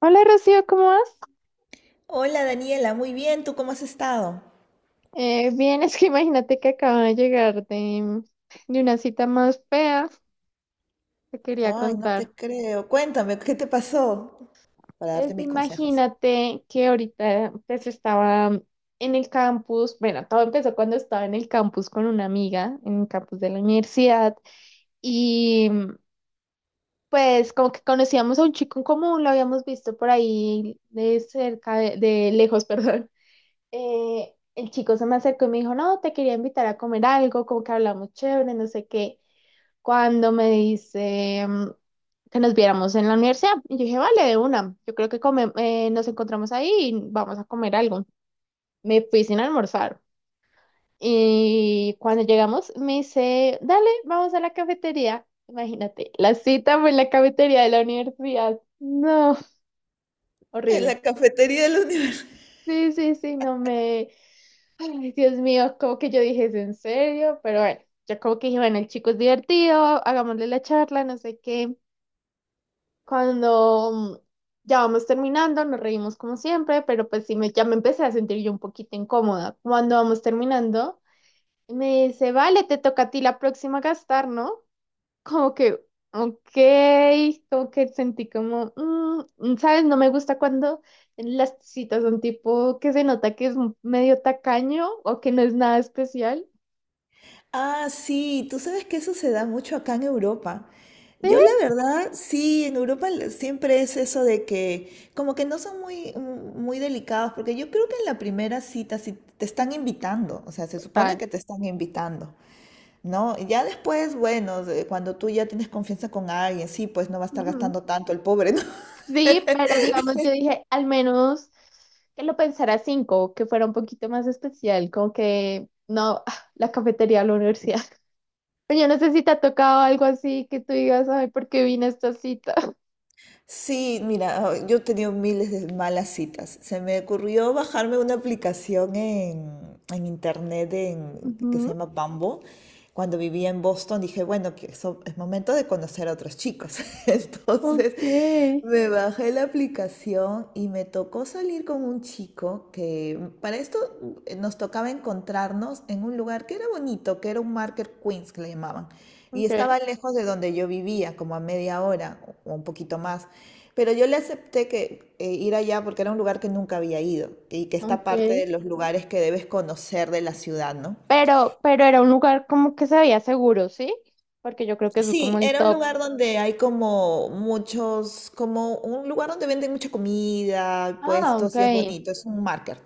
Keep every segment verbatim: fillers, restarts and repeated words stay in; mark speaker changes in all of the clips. Speaker 1: Hola Rocío, ¿cómo vas?
Speaker 2: Hola Daniela, muy bien, ¿tú cómo has estado?
Speaker 1: Eh, bien, es que imagínate que acabo de llegar de, de una cita más fea, te quería
Speaker 2: Ay, no
Speaker 1: contar.
Speaker 2: te creo. Cuéntame, ¿qué te pasó? Para darte
Speaker 1: Pues
Speaker 2: mis consejos.
Speaker 1: imagínate que ahorita pues estaba en el campus, bueno, todo empezó cuando estaba en el campus con una amiga, en el campus de la universidad, y pues como que conocíamos a un chico en común, lo habíamos visto por ahí de cerca, de de lejos, perdón. Eh, el chico se me acercó y me dijo, no, te quería invitar a comer algo, como que hablamos chévere, no sé qué. Cuando me dice mm, que nos viéramos en la universidad, y yo dije, vale, de una, yo creo que come- eh, nos encontramos ahí y vamos a comer algo. Me fui sin almorzar. Y cuando llegamos, me dice, dale, vamos a la cafetería. Imagínate, la cita fue en la cafetería de la universidad. No,
Speaker 2: En
Speaker 1: horrible.
Speaker 2: la cafetería de la universidad.
Speaker 1: Sí, sí, sí, no me... Ay, Dios mío, como que yo dije, ¿es en serio? Pero bueno, ya como que dije, bueno, el chico es divertido, hagámosle la charla, no sé qué. Cuando mm, ya vamos terminando, nos reímos como siempre, pero pues sí, me, ya me empecé a sentir yo un poquito incómoda. Cuando vamos terminando, me dice, vale, te toca a ti la próxima gastar, ¿no? Como que, ok, como que sentí como, mm, ¿sabes? No me gusta cuando... Las citas son tipo que se nota que es un medio tacaño o que no es nada especial.
Speaker 2: Ah, sí, tú sabes que eso se da mucho acá en Europa.
Speaker 1: Sí,
Speaker 2: Yo la verdad, sí, en Europa le- siempre es eso de que como que no son muy, mm, muy delicados, porque yo creo que en la primera cita, si te están invitando, o sea, se supone
Speaker 1: tal.
Speaker 2: que te están invitando. ¿No? Y ya después, bueno, de- cuando tú ya tienes confianza con alguien, sí, pues no va a estar
Speaker 1: Ujú.
Speaker 2: gastando tanto el pobre, ¿no?
Speaker 1: Sí, pero digamos, yo dije, al menos que lo pensara cinco, que fuera un poquito más especial, como que no, ah, la cafetería de la universidad. Pero yo no sé si te ha tocado algo así que tú digas, ay, ¿por qué vine a esta cita?
Speaker 2: Sí, mira, yo he tenido miles de malas citas. Se me ocurrió bajarme una aplicación en, en internet en- que se
Speaker 1: Ujú.
Speaker 2: llama Bumble cuando vivía en Boston. Dije, bueno, que eso es momento de conocer a otros chicos. Entonces
Speaker 1: Ok,
Speaker 2: me bajé la aplicación y me tocó salir con un chico que para esto eh, nos tocaba encontrarnos en un lugar que era bonito, que era un Market Queens que le llamaban. Y
Speaker 1: ok.
Speaker 2: estaba lejos de donde yo vivía, como a media hora o un poquito más. Pero yo le acepté que eh, ir allá porque era un lugar que nunca había ido y que está
Speaker 1: Ok.
Speaker 2: parte de los lugares que debes conocer de la ciudad, ¿no?
Speaker 1: Pero, pero era un lugar como que se veía seguro, ¿sí? Porque yo creo que eso es
Speaker 2: Sí,
Speaker 1: como el
Speaker 2: era un
Speaker 1: top.
Speaker 2: lugar donde hay como muchos, como un lugar donde venden mucha comida,
Speaker 1: Ah, ok.
Speaker 2: puestos y es bonito, es un market.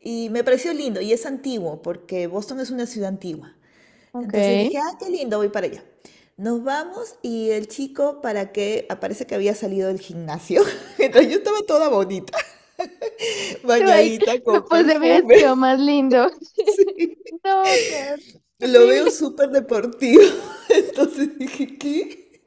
Speaker 2: Y me pareció lindo y es antiguo porque Boston es una ciudad antigua.
Speaker 1: Ok.
Speaker 2: Entonces dije, ah, qué lindo, voy para allá. Nos vamos y el chico para que aparece que había salido del gimnasio. Entonces yo estaba toda bonita,
Speaker 1: Tú ahí,
Speaker 2: bañadita
Speaker 1: me
Speaker 2: con
Speaker 1: puse mi
Speaker 2: perfume.
Speaker 1: vestido más lindo. No, qué
Speaker 2: Lo veo
Speaker 1: horrible.
Speaker 2: súper deportivo. Entonces dije, ¿qué?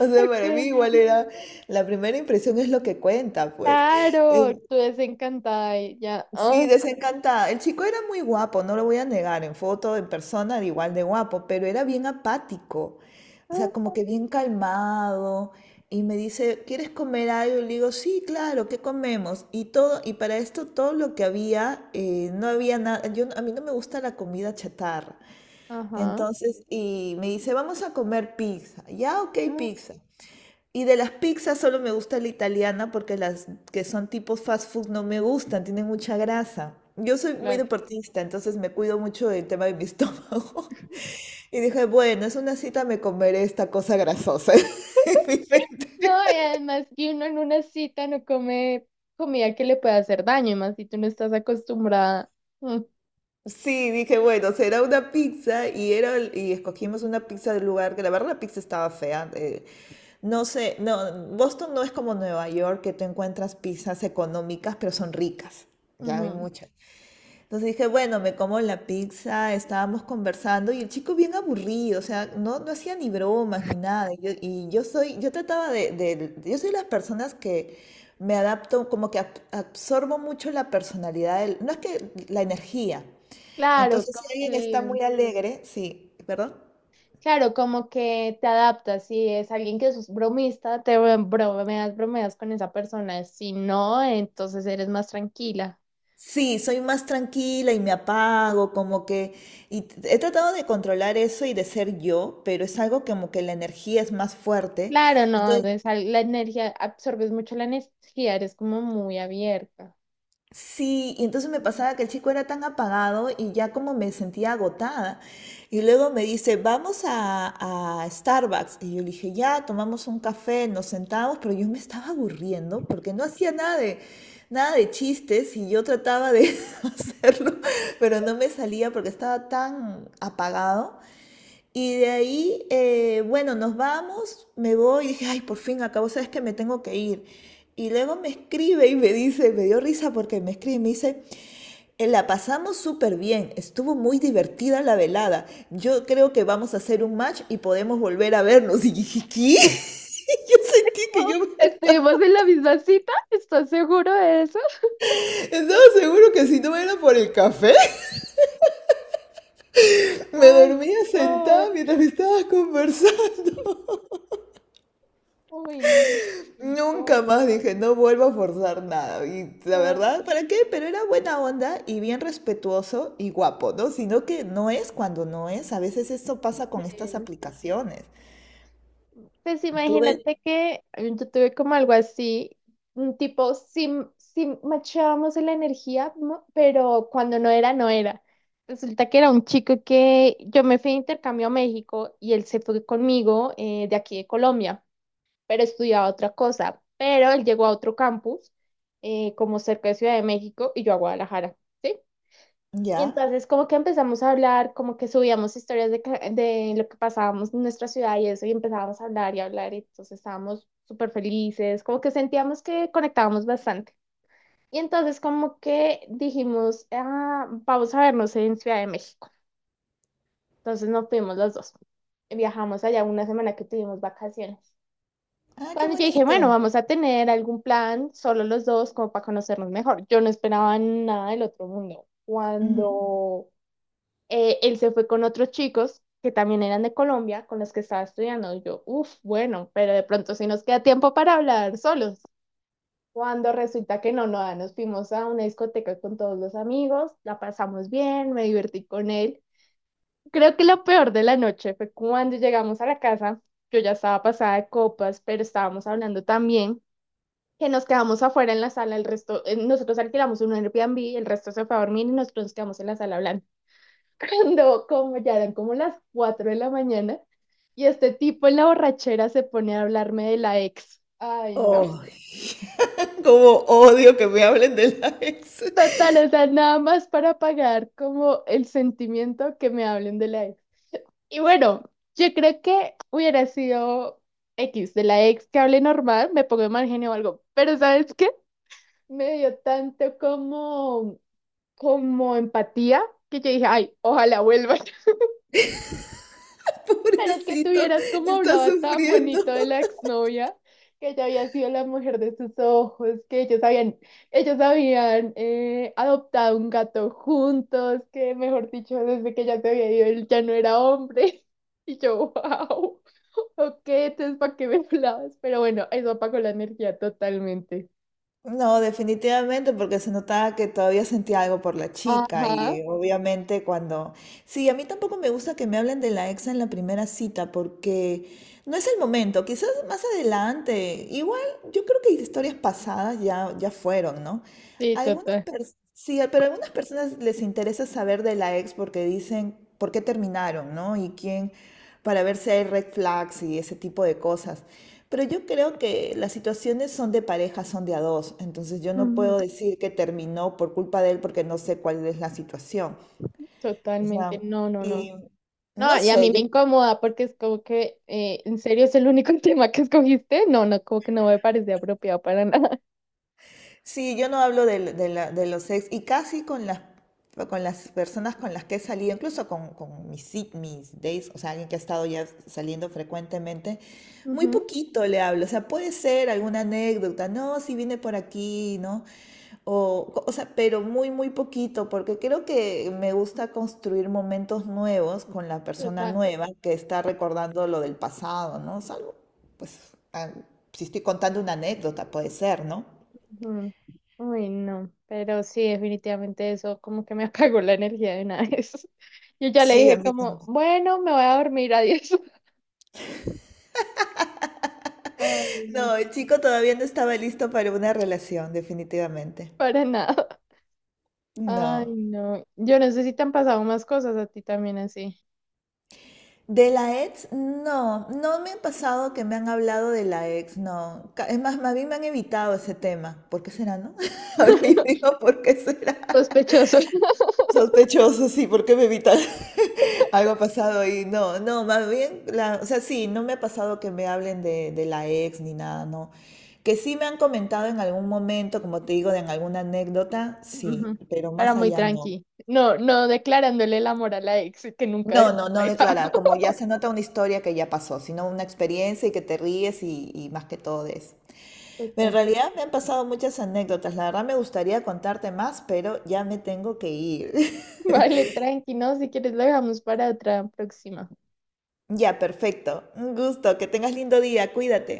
Speaker 2: O sea,
Speaker 1: Ok,
Speaker 2: para mí igual era, la primera impresión es lo que cuenta, pues. Eh,
Speaker 1: claro, tú desencantada y ya.
Speaker 2: sí,
Speaker 1: Ah,
Speaker 2: desencantada. El chico era muy guapo, no lo voy a negar, en foto, en persona, era igual de guapo, pero era bien apático, o sea,
Speaker 1: ah,
Speaker 2: como que bien calmado. Y me dice, ¿quieres comer algo? Y le digo, sí, claro, ¿qué comemos? Y todo, y para esto todo lo que había, eh, no había nada, yo, a mí no me gusta la comida chatarra.
Speaker 1: ajá,
Speaker 2: Entonces, y me dice, vamos a comer pizza. Ya, ok,
Speaker 1: ah,
Speaker 2: pizza. Y de las pizzas solo me gusta la italiana porque las que son tipo fast food no me gustan, tienen mucha grasa. Yo
Speaker 1: sí,
Speaker 2: soy muy
Speaker 1: claro.
Speaker 2: deportista, entonces me cuido mucho del tema de mi estómago. Y dije, bueno, es una cita, me comeré esta cosa grasosa. en mi mente.
Speaker 1: No, y además que uno en una cita no come comida que le pueda hacer daño, y más si tú no estás acostumbrada. Mm,
Speaker 2: Sí, dije, bueno, será una pizza y, era, el- y escogimos una pizza del lugar, que la verdad la pizza estaba fea. Eh, no sé, no, Boston no es como Nueva York, que tú encuentras pizzas económicas, pero son ricas. Ya hay
Speaker 1: ujú.
Speaker 2: muchas. Entonces dije, bueno, me como la pizza, estábamos conversando y el chico bien aburrido, o sea, no, no hacía ni bromas ni nada. Y yo, y yo soy, yo trataba de, de- yo soy de las personas que me adapto, como que ab- absorbo mucho la personalidad, del- no es que la energía.
Speaker 1: Claro,
Speaker 2: Entonces,
Speaker 1: como
Speaker 2: si alguien está
Speaker 1: que
Speaker 2: muy alegre, sí, ¿perdón?
Speaker 1: claro, como que te adaptas. Si es alguien que es bromista, te bromeas, bromeas con esa persona. Si no, entonces eres más tranquila.
Speaker 2: Sí, soy más tranquila y me apago, como que, y t- he tratado de controlar eso y de ser yo, pero es algo como que la energía es más fuerte.
Speaker 1: Claro, no,
Speaker 2: Entonces
Speaker 1: es al- la energía, absorbes mucho la energía, eres como muy abierta.
Speaker 2: sí, y entonces me
Speaker 1: Mm.
Speaker 2: pasaba que el chico era tan apagado y ya como me sentía agotada. Y luego me dice, vamos a, a Starbucks. Y yo le dije, ya, tomamos un café, nos sentamos, pero yo me estaba aburriendo porque no hacía nada de, nada de chistes y yo trataba de hacerlo, pero no me salía porque estaba tan apagado. Y de ahí, eh, bueno, nos vamos, me voy y dije, ay, por fin acabo, sabes que me tengo que ir. Y luego me escribe y me dice, me dio risa porque me escribe y me dice, "Eh, la pasamos súper bien, estuvo muy divertida la velada, yo creo que vamos a hacer un match y podemos volver a vernos." Y dije, ¿qué? Yo sentí que
Speaker 1: Oh,
Speaker 2: yo
Speaker 1: ¿estuvimos en la misma cita? ¿Estás seguro de eso?
Speaker 2: estaba seguro que si no era por el café, me
Speaker 1: Ay,
Speaker 2: dormía sentada
Speaker 1: no.
Speaker 2: mientras me estabas conversando.
Speaker 1: Uy, no, qué
Speaker 2: Nunca
Speaker 1: incómodo.
Speaker 2: más dije, no vuelvo a forzar nada. Y la
Speaker 1: No.
Speaker 2: verdad, ¿para qué? Pero era buena onda y bien respetuoso y guapo, ¿no? Sino que no es cuando no es. A veces esto pasa con estas
Speaker 1: Sí.
Speaker 2: aplicaciones.
Speaker 1: Pues
Speaker 2: Tuve,
Speaker 1: imagínate que yo tuve como algo así, un tipo, sí, sí machábamos en la energía, mo- pero cuando no era, no era. Resulta que era un chico que yo me fui de intercambio a México y él se fue conmigo eh, de aquí de Colombia, pero estudiaba otra cosa. Pero él llegó a otro campus, eh, como cerca de Ciudad de México, y yo a Guadalajara. ¿Sí? Y
Speaker 2: ya.
Speaker 1: entonces como que empezamos a hablar, como que subíamos historias de, ca- de lo que pasábamos en nuestra ciudad y eso, y empezábamos a hablar y hablar, y entonces estábamos súper felices, como que sentíamos que conectábamos bastante. Y entonces como que dijimos, "Ah, vamos a vernos en Ciudad de México". Entonces nos fuimos los dos. Y viajamos allá una semana que tuvimos vacaciones.
Speaker 2: Ah, qué
Speaker 1: Cuando yo dije, bueno,
Speaker 2: bonito.
Speaker 1: vamos a tener algún plan, solo los dos, como para conocernos mejor. Yo no esperaba nada del otro mundo.
Speaker 2: Ujú.
Speaker 1: Cuando eh, él se fue con otros chicos que también eran de Colombia, con los que estaba estudiando. Y yo, uff, bueno, pero de pronto sí nos queda tiempo para hablar solos. Cuando resulta que no, no, ah, nos fuimos a una discoteca con todos los amigos, la pasamos bien, me divertí con él. Creo que lo peor de la noche fue cuando llegamos a la casa, yo ya estaba pasada de copas, pero estábamos hablando también, que nos quedamos afuera en la sala, el resto, eh, nosotros alquilamos un Airbnb, el resto se fue a dormir y nosotros nos quedamos en la sala hablando cuando como ya eran como las cuatro de la mañana y este tipo en la borrachera se pone a hablarme de la ex. Ay, no.
Speaker 2: Oh, como odio que me hablen de la ex.
Speaker 1: Total, o sea, nada más para pagar como el sentimiento que me hablen de la ex. Y bueno, yo creo que hubiera sido X de la ex que hable normal, me pongo de mal genio o algo, pero ¿sabes qué? Me dio tanto como, como empatía que yo dije, ay, ojalá vuelva. Pero es que
Speaker 2: Pobrecito,
Speaker 1: tuvieras como
Speaker 2: está
Speaker 1: hablaba tan bonito de
Speaker 2: sufriendo.
Speaker 1: la exnovia, que ella había sido la mujer de sus ojos, que ellos habían, ellos habían eh, adoptado un gato juntos, que mejor dicho, desde que ella se había ido, él ya no era hombre. Y yo, wow, ok, entonces ¿para qué me hablabas? Pero bueno, eso apagó la energía totalmente.
Speaker 2: No, definitivamente, porque se notaba que todavía sentía algo por la chica
Speaker 1: Ajá,
Speaker 2: y eh, obviamente cuando... Sí, a mí tampoco me gusta que me hablen de la ex en la primera cita porque no es el momento, quizás más adelante. Igual yo creo que historias pasadas ya, ya fueron, ¿no?
Speaker 1: sí,
Speaker 2: Algunas
Speaker 1: total.
Speaker 2: personas, sí, pero a algunas personas les interesa saber de la ex porque dicen por qué terminaron, ¿no? Y quién, para ver si hay red flags y ese tipo de cosas. Pero yo creo que las situaciones son de pareja, son de a dos, entonces yo no
Speaker 1: Ujú,
Speaker 2: puedo decir que terminó por culpa de él porque no sé cuál es la situación. O
Speaker 1: totalmente,
Speaker 2: sea,
Speaker 1: no, no, no.
Speaker 2: y no
Speaker 1: No, y a mí
Speaker 2: sé,
Speaker 1: me
Speaker 2: yo
Speaker 1: incomoda porque es como que, eh, ¿en serio es el único tema que escogiste? No, no, como que no me parece apropiado para nada.
Speaker 2: sí, yo no hablo del- de, la- de los ex y casi con las, con las personas con las que he salido, incluso con, con mis, ci- mis dates, o sea, alguien que ha estado ya saliendo frecuentemente, muy
Speaker 1: Ujú,
Speaker 2: poquito le hablo, o sea, puede ser alguna anécdota, no, si viene por aquí, ¿no? O, co- o sea, pero muy, muy poquito, porque creo que me gusta construir momentos nuevos con la persona
Speaker 1: total.
Speaker 2: nueva que está recordando lo del pasado, ¿no? Salvo, pues, ah, si estoy contando una anécdota, puede ser, ¿no?
Speaker 1: Ujú. Uy, no, pero sí, definitivamente eso como que me apagó la energía de una vez. Yo ya le
Speaker 2: Sí, a
Speaker 1: dije
Speaker 2: mí
Speaker 1: como,
Speaker 2: también.
Speaker 1: bueno, me voy a dormir, adiós. Ay, no,
Speaker 2: No, el chico todavía no estaba listo para una relación, definitivamente.
Speaker 1: para nada. Ay,
Speaker 2: No.
Speaker 1: no. Yo no sé si te han pasado más cosas a ti también así.
Speaker 2: De la ex, no, no me han pasado que me han hablado de la ex, no. Ca- Es más, más bien me han evitado ese tema. ¿Por qué será, no? Ahora yo digo, ¿por qué será?
Speaker 1: Sospechoso.
Speaker 2: Sospechoso, sí, porque me evitan algo ha pasado y no, no, más bien, la, o sea, sí, no me ha pasado que me hablen de, de la ex ni nada, no. Que sí me han comentado en algún momento, como te digo, de en alguna anécdota,
Speaker 1: Ujú.
Speaker 2: sí, pero
Speaker 1: Era
Speaker 2: más
Speaker 1: muy
Speaker 2: allá no.
Speaker 1: tranqui. No, no declarándole el amor a la ex que nunca
Speaker 2: No, no, no declara, como ya se nota una historia que ya pasó, sino una experiencia y que te ríes y, y más que todo de eso. Pero en
Speaker 1: total.
Speaker 2: realidad me han pasado muchas anécdotas, la verdad me gustaría contarte más, pero ya me tengo que ir.
Speaker 1: Vale, tranqui, ¿no? Si quieres lo dejamos para otra próxima.
Speaker 2: Ya, perfecto. Un gusto. Que tengas lindo día. Cuídate.